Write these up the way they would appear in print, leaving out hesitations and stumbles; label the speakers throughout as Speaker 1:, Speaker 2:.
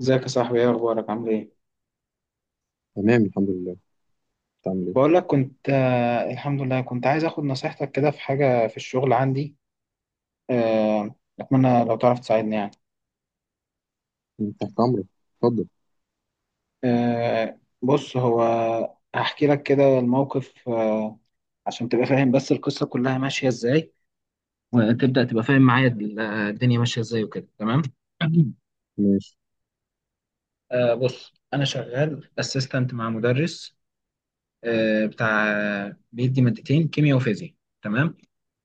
Speaker 1: ازيك يا صاحبي؟ ايه اخبارك؟ عامل ايه؟
Speaker 2: تمام، الحمد لله. بتعمل ايه؟
Speaker 1: بقول لك كنت الحمد لله، كنت عايز اخد نصيحتك كده في حاجه في الشغل عندي. آه، اتمنى لو تعرف تساعدني يعني.
Speaker 2: أنت تحت امرك. اتفضل.
Speaker 1: بص، هو هحكي لك كده الموقف عشان تبقى فاهم بس القصه كلها ماشيه ازاي، وتبدا تبقى فاهم معايا الدنيا ماشيه ازاي وكده، تمام.
Speaker 2: ماشي.
Speaker 1: بص، انا شغال اسيستنت مع مدرس، بتاع، بيدي مادتين كيمياء وفيزياء. تمام.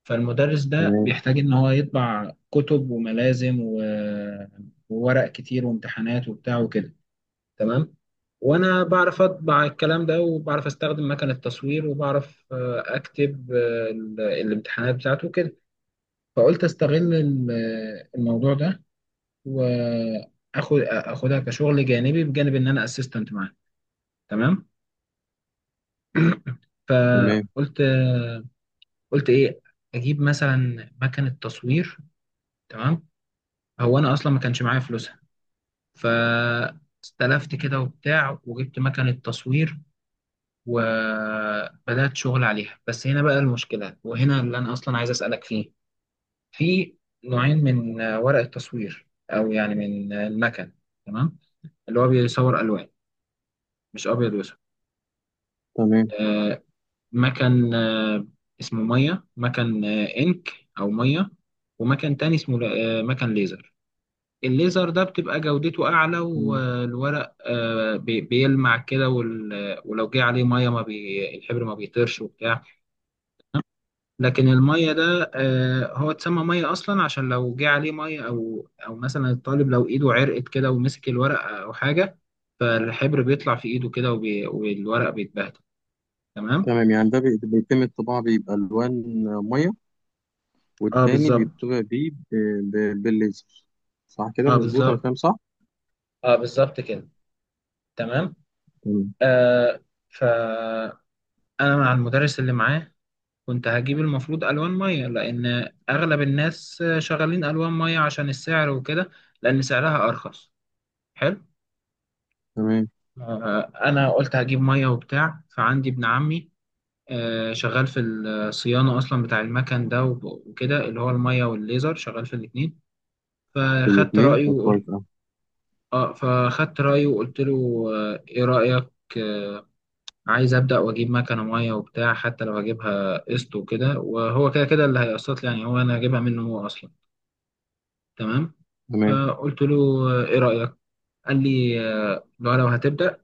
Speaker 1: فالمدرس ده
Speaker 2: تمام.
Speaker 1: بيحتاج ان هو يطبع كتب وملازم وورق كتير وامتحانات وبتاع وكده. تمام. وانا بعرف اطبع الكلام ده، وبعرف استخدم مكنة تصوير، وبعرف اكتب الامتحانات بتاعته وكده. فقلت استغل الموضوع ده، اخدها كشغل جانبي بجانب ان انا اسيستنت معاه. تمام.
Speaker 2: تمام.
Speaker 1: فقلت قلت ايه، اجيب مثلا مكنة تصوير. تمام. هو انا اصلا ما كانش معايا فلوس، فاستلفت كده وبتاع وجبت مكنة تصوير، وبدأت شغل عليها. بس هنا بقى المشكلة، وهنا اللي أنا أصلا عايز أسألك فيه. في نوعين من ورق التصوير، أو يعني من المكن. تمام. اللي هو بيصور ألوان، مش أبيض وأسود.
Speaker 2: تمام.
Speaker 1: آه، مكن اسمه مية، مكن إنك أو مية، ومكن تاني اسمه مكن ليزر. الليزر ده بتبقى جودته أعلى،
Speaker 2: تمام.
Speaker 1: والورق بيلمع كده، ولو جه عليه مية ما بي الحبر ما بيطيرش وبتاع. لكن المية ده هو اتسمى مية أصلا عشان لو جه عليه مية أو مثلا الطالب لو إيده عرقت كده ومسك الورق أو حاجة، فالحبر بيطلع في إيده كده، والورق بيتبهدل. تمام؟
Speaker 2: تمام. يعني ده بيتم الطباعة، بيبقى ألوان مية،
Speaker 1: اه،
Speaker 2: والتاني
Speaker 1: بالظبط.
Speaker 2: بيطبع بيه بالليزر. صح كده،
Speaker 1: اه،
Speaker 2: مظبوط. أنا
Speaker 1: بالظبط.
Speaker 2: فاهم صح؟
Speaker 1: اه، بالظبط كده. تمام.
Speaker 2: تمام.
Speaker 1: آه، فأنا مع المدرس اللي معاه كنت هجيب المفروض الوان ميه، لان اغلب الناس شغالين الوان ميه عشان السعر وكده، لان سعرها ارخص. حلو.
Speaker 2: تمام.
Speaker 1: انا قلت هجيب ميه وبتاع. فعندي ابن عمي شغال في الصيانه اصلا بتاع المكن ده وكده، اللي هو الميه والليزر، شغال في الاتنين. فخدت
Speaker 2: الاتنين؟
Speaker 1: رايه
Speaker 2: طب
Speaker 1: وقلت.
Speaker 2: كويس أوي.
Speaker 1: اه، فخدت رايه وقلت له ايه رايك. آه، عايز ابدا واجيب مكنه ميه وبتاع، حتى لو هجيبها قسط وكده، وهو كده كده اللي هيقسط لي يعني، هو انا هجيبها منه هو اصلا. تمام.
Speaker 2: تمام.
Speaker 1: فقلت له ايه رأيك. قال لي لو هتبدأ،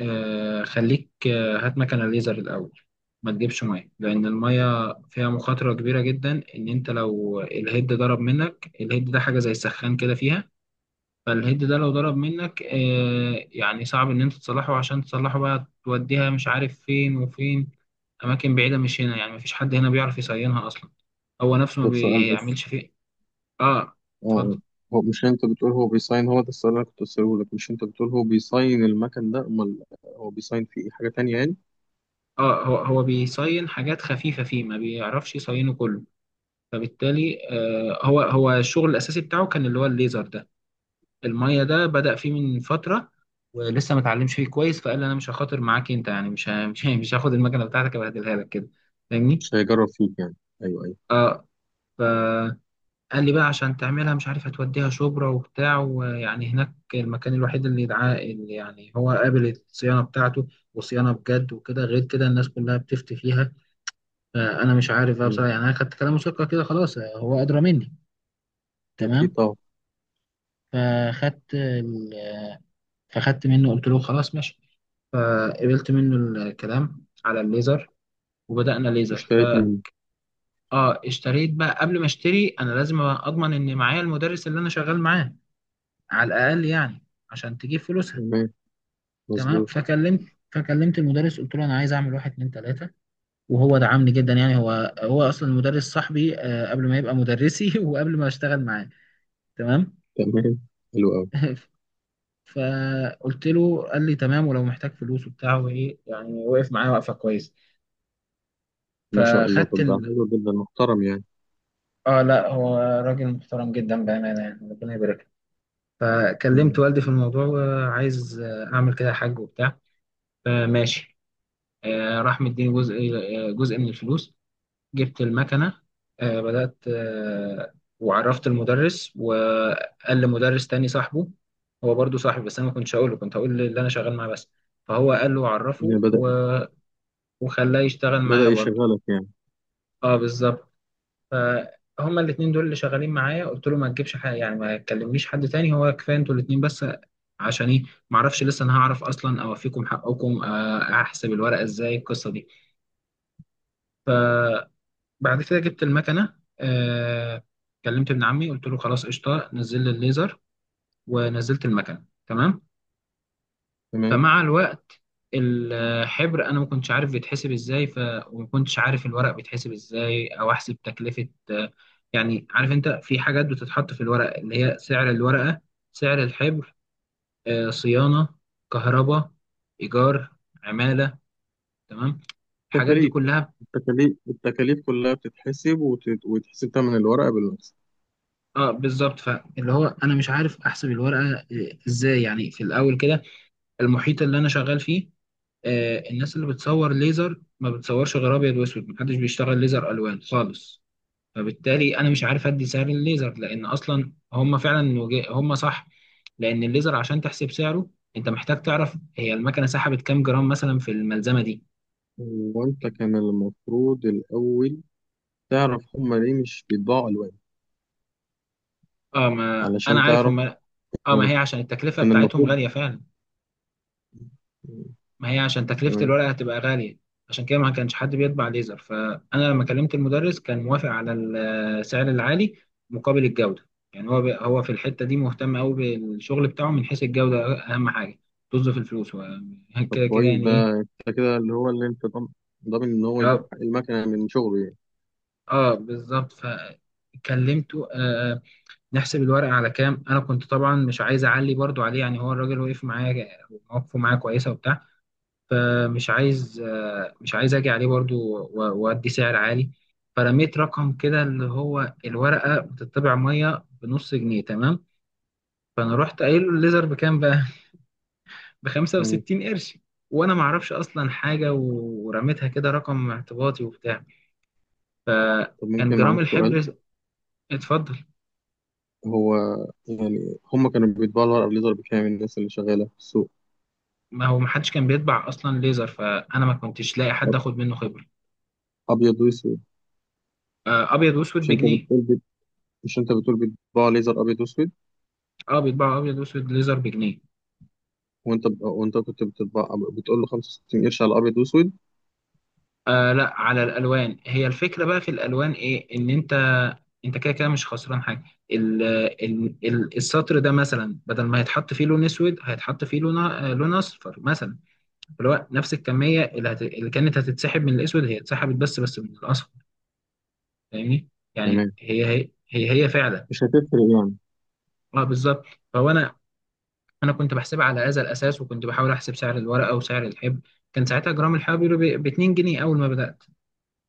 Speaker 1: خليك، هات مكنة ليزر الأول، ما تجيبش مية، لأن المية فيها مخاطرة كبيرة جدا. إن أنت لو الهيد ضرب منك، الهيد ده حاجة زي السخان كده فيها. فالهيد ده لو ضرب منك يعني صعب إن أنت تصلحه، عشان تصلحه بقى توديها مش عارف فين وفين، أماكن بعيدة مش هنا يعني. مفيش حد هنا بيعرف يصينها أصلا، هو نفسه ما
Speaker 2: طب سؤال بس.
Speaker 1: بيعملش فيه. آه.
Speaker 2: اه آه.
Speaker 1: اتفضل.
Speaker 2: هو مش أنت بتقول هو بيصين؟ هو ده السؤال اللي أنا كنت أسأله لك. مش أنت بتقول هو بيصين المكان ده، أمال هو بيصين فيه إيه، حاجة تانية يعني؟
Speaker 1: اه، هو هو بيصين حاجات خفيفة فيه، ما بيعرفش يصينه كله. فبالتالي آه، هو الشغل الأساسي بتاعه كان اللي هو الليزر ده. المية ده بدأ فيه من فترة، ولسه ما اتعلمش فيه كويس. فقال انا مش هخاطر معاك انت يعني، مش هاخد المكنة بتاعتك ابهدلها لك كده. فاهمني؟
Speaker 2: مش هيجرب فيك يعني. أيوه، أيوه.
Speaker 1: اه. فقال لي بقى عشان تعملها مش عارف هتوديها شبرا وبتاع، ويعني هناك المكان الوحيد اللي يدعاه اللي يعني هو قابل الصيانة بتاعته، وصيانة بجد وكده. غير كده الناس كلها بتفتي فيها. انا مش عارف بقى
Speaker 2: تمام.
Speaker 1: بصراحه يعني. انا خدت كلام مسكر كده خلاص، هو ادرى مني.
Speaker 2: أكيد
Speaker 1: تمام.
Speaker 2: طبعا.
Speaker 1: فخدت ال... آه، فخدت منه، قلت له خلاص ماشي. فقبلت منه الكلام على الليزر، وبدأنا ليزر. ف-
Speaker 2: اشتريت منه؟
Speaker 1: اه، اشتريت بقى. قبل ما اشتري انا لازم اضمن ان معايا المدرس اللي انا شغال معاه، على الاقل يعني، عشان تجيب فلوسها.
Speaker 2: تمام،
Speaker 1: تمام.
Speaker 2: مظبوط.
Speaker 1: فكلمت المدرس، قلت له انا عايز اعمل واحد اتنين تلاته، وهو دعمني جدا. يعني هو اصلا المدرس صاحبي قبل ما يبقى مدرسي وقبل ما اشتغل معاه. تمام.
Speaker 2: تمام. حلو قوي.
Speaker 1: فقلت له، قال لي تمام، ولو محتاج فلوس وبتاع وايه يعني. وقف معايا وقفه كويس.
Speaker 2: ما شاء الله،
Speaker 1: فخدت
Speaker 2: طب ده
Speaker 1: ال...
Speaker 2: حلو جدا، محترم يعني.
Speaker 1: اه لا، هو راجل محترم جدا بامانه، يعني ربنا يبارك له.
Speaker 2: يعني،
Speaker 1: فكلمت والدي في الموضوع، وعايز اعمل كده حاج وبتاع. فماشي، راح مديني جزء، جزء من الفلوس. جبت المكنة، آه، بدأت آه، وعرفت المدرس، وقال لمدرس تاني صاحبه، هو برضو صاحبي بس أنا ما كنتش هقوله، كنت هقول اللي أنا شغال معاه بس. فهو قال له،
Speaker 2: يعني
Speaker 1: عرفه
Speaker 2: بدأ
Speaker 1: و... وخلاه يشتغل
Speaker 2: بدأ
Speaker 1: معايا برضو.
Speaker 2: يشغلك يعني.
Speaker 1: اه بالظبط. فهما الاتنين دول اللي شغالين معايا. قلت له ما تجيبش حاجة يعني، ما تكلمليش حد تاني، هو كفاية انتوا الاتنين بس. عشان ايه؟ ما اعرفش لسه انا هعرف اصلا اوفيكم حقكم احسب الورقة ازاي القصة دي. بعد كده جبت المكنه، آه، كلمت ابن عمي قلت له خلاص قشطه نزل لي الليزر، ونزلت المكنه. تمام.
Speaker 2: تمام.
Speaker 1: فمع الوقت، الحبر انا ما كنتش عارف بيتحسب ازاي، ف- وما كنتش عارف الورق بيتحسب ازاي، او احسب تكلفه يعني عارف انت في حاجات بتتحط في الورق، اللي هي سعر الورقه، سعر الحبر، آه، صيانه، كهرباء، ايجار، عماله. تمام، الحاجات دي
Speaker 2: التكاليف.
Speaker 1: كلها.
Speaker 2: التكاليف، التكاليف كلها بتتحسب، ويتحسب ثمن الورقة بالمكسب.
Speaker 1: اه بالظبط. فاللي هو انا مش عارف احسب الورقه ازاي، يعني في الاول كده. المحيط اللي انا شغال فيه آه، الناس اللي بتصور ليزر ما بتصورش غير ابيض واسود، محدش بيشتغل ليزر الوان خالص. فبالتالي انا مش عارف ادي سعر الليزر، لان اصلا هم فعلا هم صح، لان الليزر عشان تحسب سعره انت محتاج تعرف هي المكنه سحبت كام جرام مثلا في الملزمه دي.
Speaker 2: وانت كان المفروض الأول تعرف هما ليه مش بيطبعوا ألوان،
Speaker 1: اه، ما
Speaker 2: علشان
Speaker 1: انا عارف
Speaker 2: تعرف
Speaker 1: هم. اه ما
Speaker 2: يعني.
Speaker 1: هي عشان التكلفه
Speaker 2: كان
Speaker 1: بتاعتهم
Speaker 2: المفروض.
Speaker 1: غاليه فعلا. ما هي عشان تكلفة
Speaker 2: تمام.
Speaker 1: الورقة هتبقى غالية، عشان كده ما كانش حد بيطبع ليزر. فأنا لما كلمت المدرس كان موافق على السعر العالي مقابل الجودة، يعني هو في الحتة دي مهتم قوي بالشغل بتاعه من حيث الجودة، أهم حاجة، طز في الفلوس هو.
Speaker 2: طب
Speaker 1: كده كده
Speaker 2: كويس
Speaker 1: يعني
Speaker 2: ده.
Speaker 1: إيه.
Speaker 2: انت كده اللي هو اللي انت ضامن، ضامن ان هو يجيب
Speaker 1: اه،
Speaker 2: حق المكنة من شغله يعني.
Speaker 1: بالظبط. فكلمته آه، آه، نحسب الورقة على كام. أنا كنت طبعا مش عايز أعلي برضو عليه، يعني هو الراجل وقف معايا، ومواقفه معايا كويسة وبتاع. فمش عايز مش عايز اجي عليه برضو وادي سعر عالي. فرميت رقم كده، اللي هو الورقه بتطبع ميه بنص جنيه تمام، فانا رحت قايل له الليزر بكام بقى، ب
Speaker 2: مم.
Speaker 1: 65 قرش، وانا ما اعرفش اصلا حاجه ورميتها كده رقم اعتباطي وبتاع.
Speaker 2: طب
Speaker 1: فكان
Speaker 2: ممكن
Speaker 1: جرام
Speaker 2: معاك سؤال؟
Speaker 1: الحبر. اتفضل.
Speaker 2: هو يعني هم كانوا بيطبعوا الورقة بليزر بكام، الناس اللي شغالة في السوق؟
Speaker 1: ما هو ما حدش كان بيطبع اصلا ليزر، فانا ما كنتش لاقي حد
Speaker 2: أب-
Speaker 1: اخد منه خبره.
Speaker 2: أبيض وأسود.
Speaker 1: ابيض واسود
Speaker 2: مش أنت
Speaker 1: بجنيه.
Speaker 2: بتقول مش أنت بتقول بيطبعوا ليزر أبيض وأسود؟
Speaker 1: اه، بيطبعوا ابيض واسود ليزر بجنيه.
Speaker 2: وأنت وأنت كنت بتطبع بتقول له 65 قرش على أبيض وأسود.
Speaker 1: آه لا، على الالوان، هي الفكره بقى في الالوان ايه، ان انت كده كده مش خسران حاجه. ال ال السطر ده مثلا بدل ما هيتحط فيه لون اسود، هيتحط فيه لون لون اصفر مثلا، اللي هو نفس الكميه اللي كانت هتتسحب من الاسود هي اتسحبت، بس بس من الاصفر. فاهمني؟ يعني
Speaker 2: تمام،
Speaker 1: هي فعلا.
Speaker 2: مش هتفرق يعني.
Speaker 1: اه بالظبط. فهو انا، كنت بحسبها على هذا الاساس، وكنت بحاول احسب سعر الورقه وسعر الحبر. كان ساعتها جرام الحبر ب 2 جنيه اول ما بدات.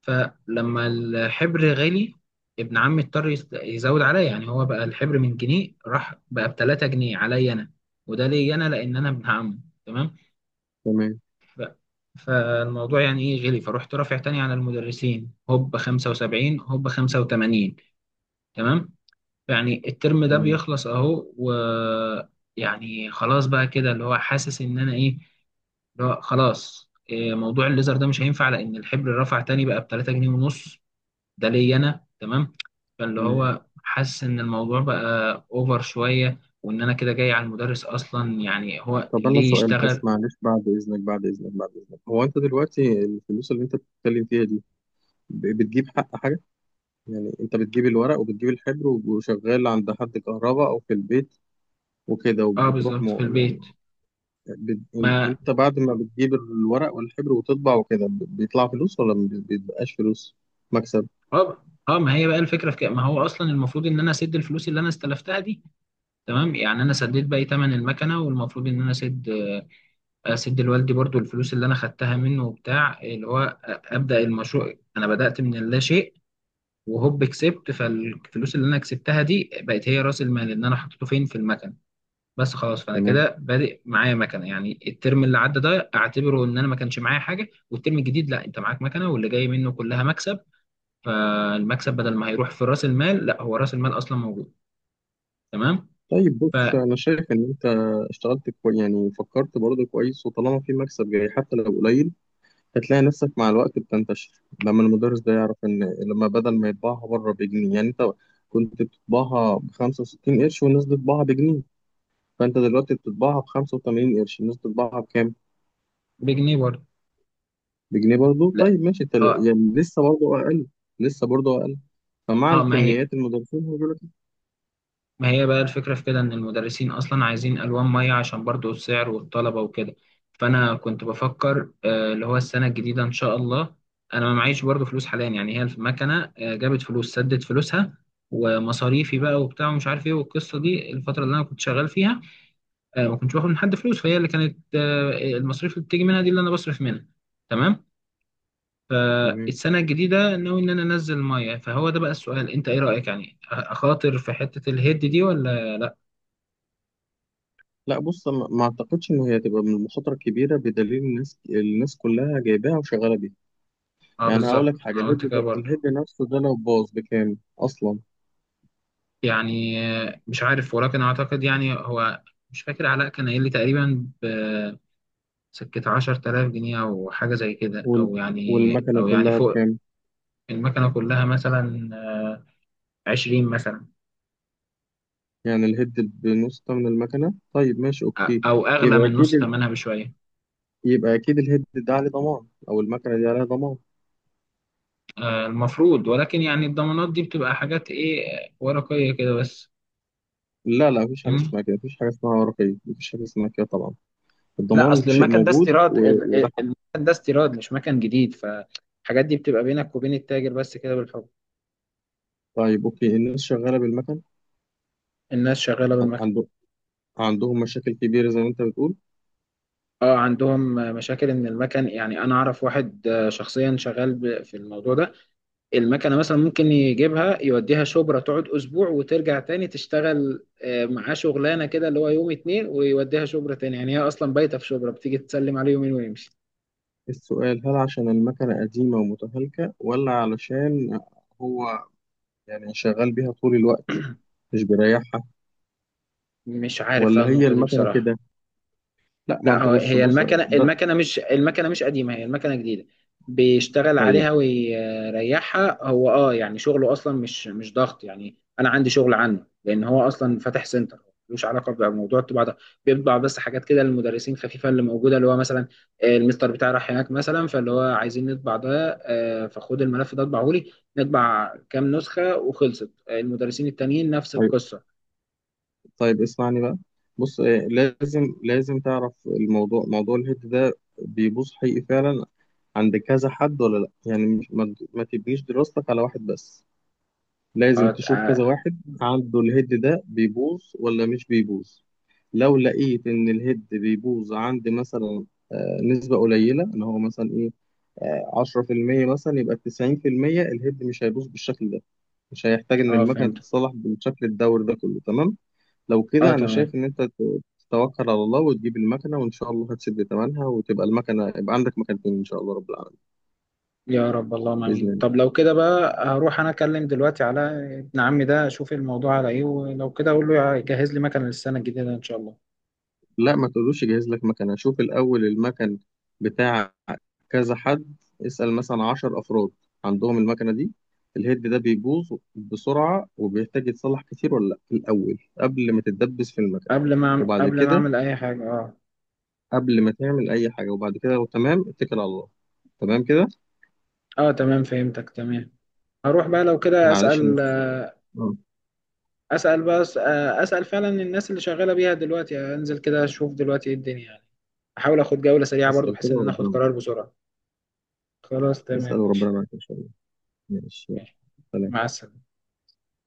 Speaker 1: فلما الحبر غالي، ابن عمي اضطر يزود عليا. يعني هو بقى الحبر من جنيه راح بقى ب 3 جنيه عليا انا، وده ليا انا لان انا ابن عمه. تمام.
Speaker 2: تمام.
Speaker 1: ف- فالموضوع يعني ايه، غلي. فرحت رافع تاني على المدرسين هوب 75 هوب 85. تمام. يعني الترم ده
Speaker 2: تمام.
Speaker 1: بيخلص اهو، ويعني خلاص بقى كده اللي هو حاسس ان انا ايه، اللي هو خلاص موضوع الليزر ده مش هينفع، لان الحبر رفع تاني بقى ب 3 جنيه ونص. ده ليا انا. تمام. فاللي
Speaker 2: تمام.
Speaker 1: هو حاسس ان الموضوع بقى اوفر شويه، وان انا كده جاي على المدرس اصلا، يعني هو
Speaker 2: طب أنا
Speaker 1: ليه
Speaker 2: سؤال بس،
Speaker 1: يشتغل.
Speaker 2: معلش. بعد إذنك، بعد إذنك، بعد إذنك، هو أنت دلوقتي الفلوس اللي أنت بتتكلم فيها دي، بتجيب حق حاجة؟ يعني أنت بتجيب الورق وبتجيب الحبر وشغال عند حد، كهرباء أو في البيت وكده،
Speaker 1: اه بالظبط، في البيت.
Speaker 2: بت...
Speaker 1: ما
Speaker 2: انت بعد ما بتجيب الورق والحبر وتطبع وكده بيطلع فلوس ولا ما بي- بيبقاش فلوس، مكسب؟
Speaker 1: اه اه ما هي بقى الفكره في كده، ما هو اصلا المفروض ان انا اسد الفلوس اللي انا استلفتها دي. تمام. يعني انا سديت باقي ثمن المكنه، والمفروض ان انا اسد، اسد لوالدي برضو الفلوس اللي انا خدتها منه وبتاع، اللي هو ابدا المشروع انا بدات من اللا شيء، وهوب كسبت. فالفلوس اللي انا كسبتها دي بقت هي راس المال اللي انا حطيته فين، في المكن بس خلاص. فانا
Speaker 2: تمام.
Speaker 1: كده بادئ معايا مكنه، يعني الترم اللي عدى ده اعتبره ان انا ما كانش معايا حاجه، والترم الجديد لا، انت معاك مكنه، واللي جاي منه كلها مكسب. فالمكسب بدل ما هيروح في راس المال، لا، هو راس المال اصلا موجود. تمام.
Speaker 2: طيب بص،
Speaker 1: فبجنيه
Speaker 2: انا شايف ان انت اشتغلت كويس، يعني فكرت برضه كويس، وطالما في مكسب جاي حتى لو قليل، هتلاقي نفسك مع الوقت بتنتشر لما المدرس ده يعرف ان، لما بدل ما يطبعها بره بجنيه يعني، انت كنت بتطبعها ب 65 قرش والناس بتطبعها بجنيه، فانت دلوقتي بتطبعها ب 85 قرش، الناس بتطبعها بكام؟
Speaker 1: برضه.
Speaker 2: بجنيه برضه.
Speaker 1: لا.
Speaker 2: طيب ماشي، انت
Speaker 1: اه.
Speaker 2: يعني لسه برضه اقل. لسه برضه. فمع
Speaker 1: اه، ما هي
Speaker 2: الكميات المدرسين هيقول لك.
Speaker 1: ما هي بقى الفكرة في كده، إن المدرسين أصلا عايزين ألوان مية عشان برضو السعر والطلبة وكده. فأنا كنت بفكر اللي هو السنة الجديدة إن شاء الله. أنا ما معيش برضو فلوس حاليا، يعني هي المكنة جابت فلوس سدت فلوسها، ومصاريفي بقى وبتاع ومش عارف إيه. والقصة دي الفترة اللي أنا كنت شغال فيها ما كنتش باخد من حد فلوس، فهي اللي كانت المصاريف اللي بتيجي منها دي اللي أنا بصرف منها. تمام.
Speaker 2: تمام.
Speaker 1: فالسنة الجديدة ناوي إن أنا أنزل مية، فهو ده بقى السؤال. أنت إيه رأيك يعني، أخاطر في حتة الهيد دي ولا لأ؟
Speaker 2: لا بص، ما اعتقدش ان هي هتبقى من المخاطره الكبيره، بدليل الناس كلها جايباها وشغاله بيها.
Speaker 1: اه
Speaker 2: يعني هقول
Speaker 1: بالظبط،
Speaker 2: لك حاجه،
Speaker 1: انا
Speaker 2: الهيد
Speaker 1: قلت كده
Speaker 2: ده،
Speaker 1: برضه.
Speaker 2: الهيد نفسه ده لو باظ بكام اصلا؟
Speaker 1: يعني مش عارف، ولكن اعتقد يعني هو، مش فاكر علاء كان قايل لي تقريبا بسكة 10000 جنيه او حاجة زي كده،
Speaker 2: وال
Speaker 1: او يعني،
Speaker 2: والمكنه
Speaker 1: او يعني
Speaker 2: كلها
Speaker 1: فوق.
Speaker 2: بكام؟
Speaker 1: المكنة كلها مثلا 20 مثلا،
Speaker 2: يعني الهيد بنص ثمن المكنه؟ طيب ماشي، اوكي.
Speaker 1: او اغلى
Speaker 2: يبقى
Speaker 1: من
Speaker 2: اكيد
Speaker 1: نص
Speaker 2: ال-
Speaker 1: ثمنها بشوية.
Speaker 2: يبقى اكيد الهيد ده عليه ضمان، او المكنه دي عليها ضمان.
Speaker 1: المفروض، ولكن يعني الضمانات دي بتبقى حاجات ايه، ورقية كده بس.
Speaker 2: لا لا، مفيش حاجه
Speaker 1: فاهمني؟
Speaker 2: اسمها كده، مفيش حاجه اسمها رقيق، مفيش حاجه اسمها كده طبعا.
Speaker 1: لا،
Speaker 2: الضمان
Speaker 1: اصل
Speaker 2: شيء
Speaker 1: المكن ده
Speaker 2: موجود،
Speaker 1: استيراد،
Speaker 2: وده حق.
Speaker 1: المكن ده استيراد مش مكن جديد، فالحاجات دي بتبقى بينك وبين التاجر بس كده بالحب.
Speaker 2: طيب اوكي، الناس شغاله بالمكنه؟
Speaker 1: الناس شغالة بالمكن.
Speaker 2: عنده عندهم مشاكل كبيرة زي ما أنت بتقول؟
Speaker 1: اه، عندهم مشاكل ان المكن. يعني انا اعرف واحد شخصيا شغال في الموضوع ده. المكنة مثلا ممكن يجيبها يوديها شبرا تقعد اسبوع، وترجع تاني تشتغل معاه شغلانة كده اللي هو يوم اتنين، ويوديها شبرا تاني. يعني هي اصلا بايتة في شبرا، بتيجي تسلم عليه يومين ويمشي.
Speaker 2: السؤال، هل عشان المكنة قديمة ومتهالكة، ولا علشان هو يعني شغال بيها طول الوقت، مش بيريحها،
Speaker 1: مش عارف بقى
Speaker 2: ولا هي
Speaker 1: النقطة دي
Speaker 2: المكنة
Speaker 1: بصراحة.
Speaker 2: كده؟ لا ما
Speaker 1: لا،
Speaker 2: أنت،
Speaker 1: هو
Speaker 2: بص
Speaker 1: هي
Speaker 2: بص
Speaker 1: المكنه
Speaker 2: ده.
Speaker 1: المكنه مش المكنه مش قديمه، هي المكنه جديده، بيشتغل
Speaker 2: طيب،
Speaker 1: عليها ويريحها هو، اه. يعني شغله اصلا مش ضغط، يعني انا عندي شغل عنه، لان هو اصلا فاتح سنتر، ملوش علاقه بموضوع الطباعه ده. بيطبع بس حاجات كده للمدرسين خفيفه اللي موجوده، اللي هو مثلا المستر بتاعي راح هناك مثلا، فاللي هو عايزين نطبع ده، فخد الملف ده اطبعه لي، نطبع كام نسخه، وخلصت. المدرسين التانيين نفس
Speaker 2: طيب،
Speaker 1: القصه.
Speaker 2: طيب، اسمعني بقى. بص، لازم، لازم تعرف الموضوع، موضوع الهيد ده بيبوظ حقيقي فعلا عند كذا حد ولا لا. يعني ما تبنيش دراستك على واحد بس، لازم
Speaker 1: اه.
Speaker 2: تشوف كذا
Speaker 1: اه.
Speaker 2: واحد عنده الهيد ده بيبوظ ولا مش بيبوظ. لو لقيت ان الهيد بيبوظ عند مثلا نسبة قليلة ان هو مثلا ايه، 10% مثلا، يبقى 90% الهيد مش هيبوظ بالشكل ده، مش هيحتاج ان المكنة
Speaker 1: فهمت.
Speaker 2: تتصلح بالشكل الدور ده كله، تمام؟ لو
Speaker 1: اه
Speaker 2: كده انا
Speaker 1: تمام،
Speaker 2: شايف ان انت تتوكل على الله وتجيب المكنة وان شاء الله هتسد تمنها، وتبقى المكنة، يبقى عندك مكنتين ان شاء الله رب العالمين.
Speaker 1: يا رب اللهم
Speaker 2: بإذن
Speaker 1: امين.
Speaker 2: الله.
Speaker 1: طب لو كده بقى، هروح انا اكلم دلوقتي على ابن عمي ده، اشوف الموضوع على ايه، ولو كده اقول له يجهز لي مكنه للسنه الجديده ان شاء الله.
Speaker 2: لا ما تقولوش جهز لك مكنة، شوف الأول المكن بتاع كذا حد، اسأل مثلا عشر أفراد عندهم المكنة دي، الهيد ده بيبوظ بسرعة وبيحتاج يتصلح كتير ولا لأ، الأول قبل ما تتدبس في المكنة. وبعد
Speaker 1: قبل ما
Speaker 2: كده،
Speaker 1: اعمل اي حاجه، اه.
Speaker 2: قبل ما تعمل أي حاجة وبعد كده لو تمام، اتكل على الله. تمام كده؟
Speaker 1: اه تمام، فهمتك تمام. هروح بقى لو كده
Speaker 2: معلش أنا
Speaker 1: اسال،
Speaker 2: آه،
Speaker 1: اسال بس. اسال فعلا الناس اللي شغاله بيها دلوقتي، يعني انزل كده اشوف دلوقتي ايه الدنيا يعني، احاول اخد جوله سريعه برضو
Speaker 2: اسأل
Speaker 1: بحيث
Speaker 2: كده
Speaker 1: ان انا اخد
Speaker 2: وربنا معاك.
Speaker 1: قرار بسرعه. خلاص تمام
Speaker 2: اسأل وربنا
Speaker 1: ماشي.
Speaker 2: معاك إن شاء الله. ماشي، يلا.
Speaker 1: ماشي. مع
Speaker 2: سلام.
Speaker 1: السلامه.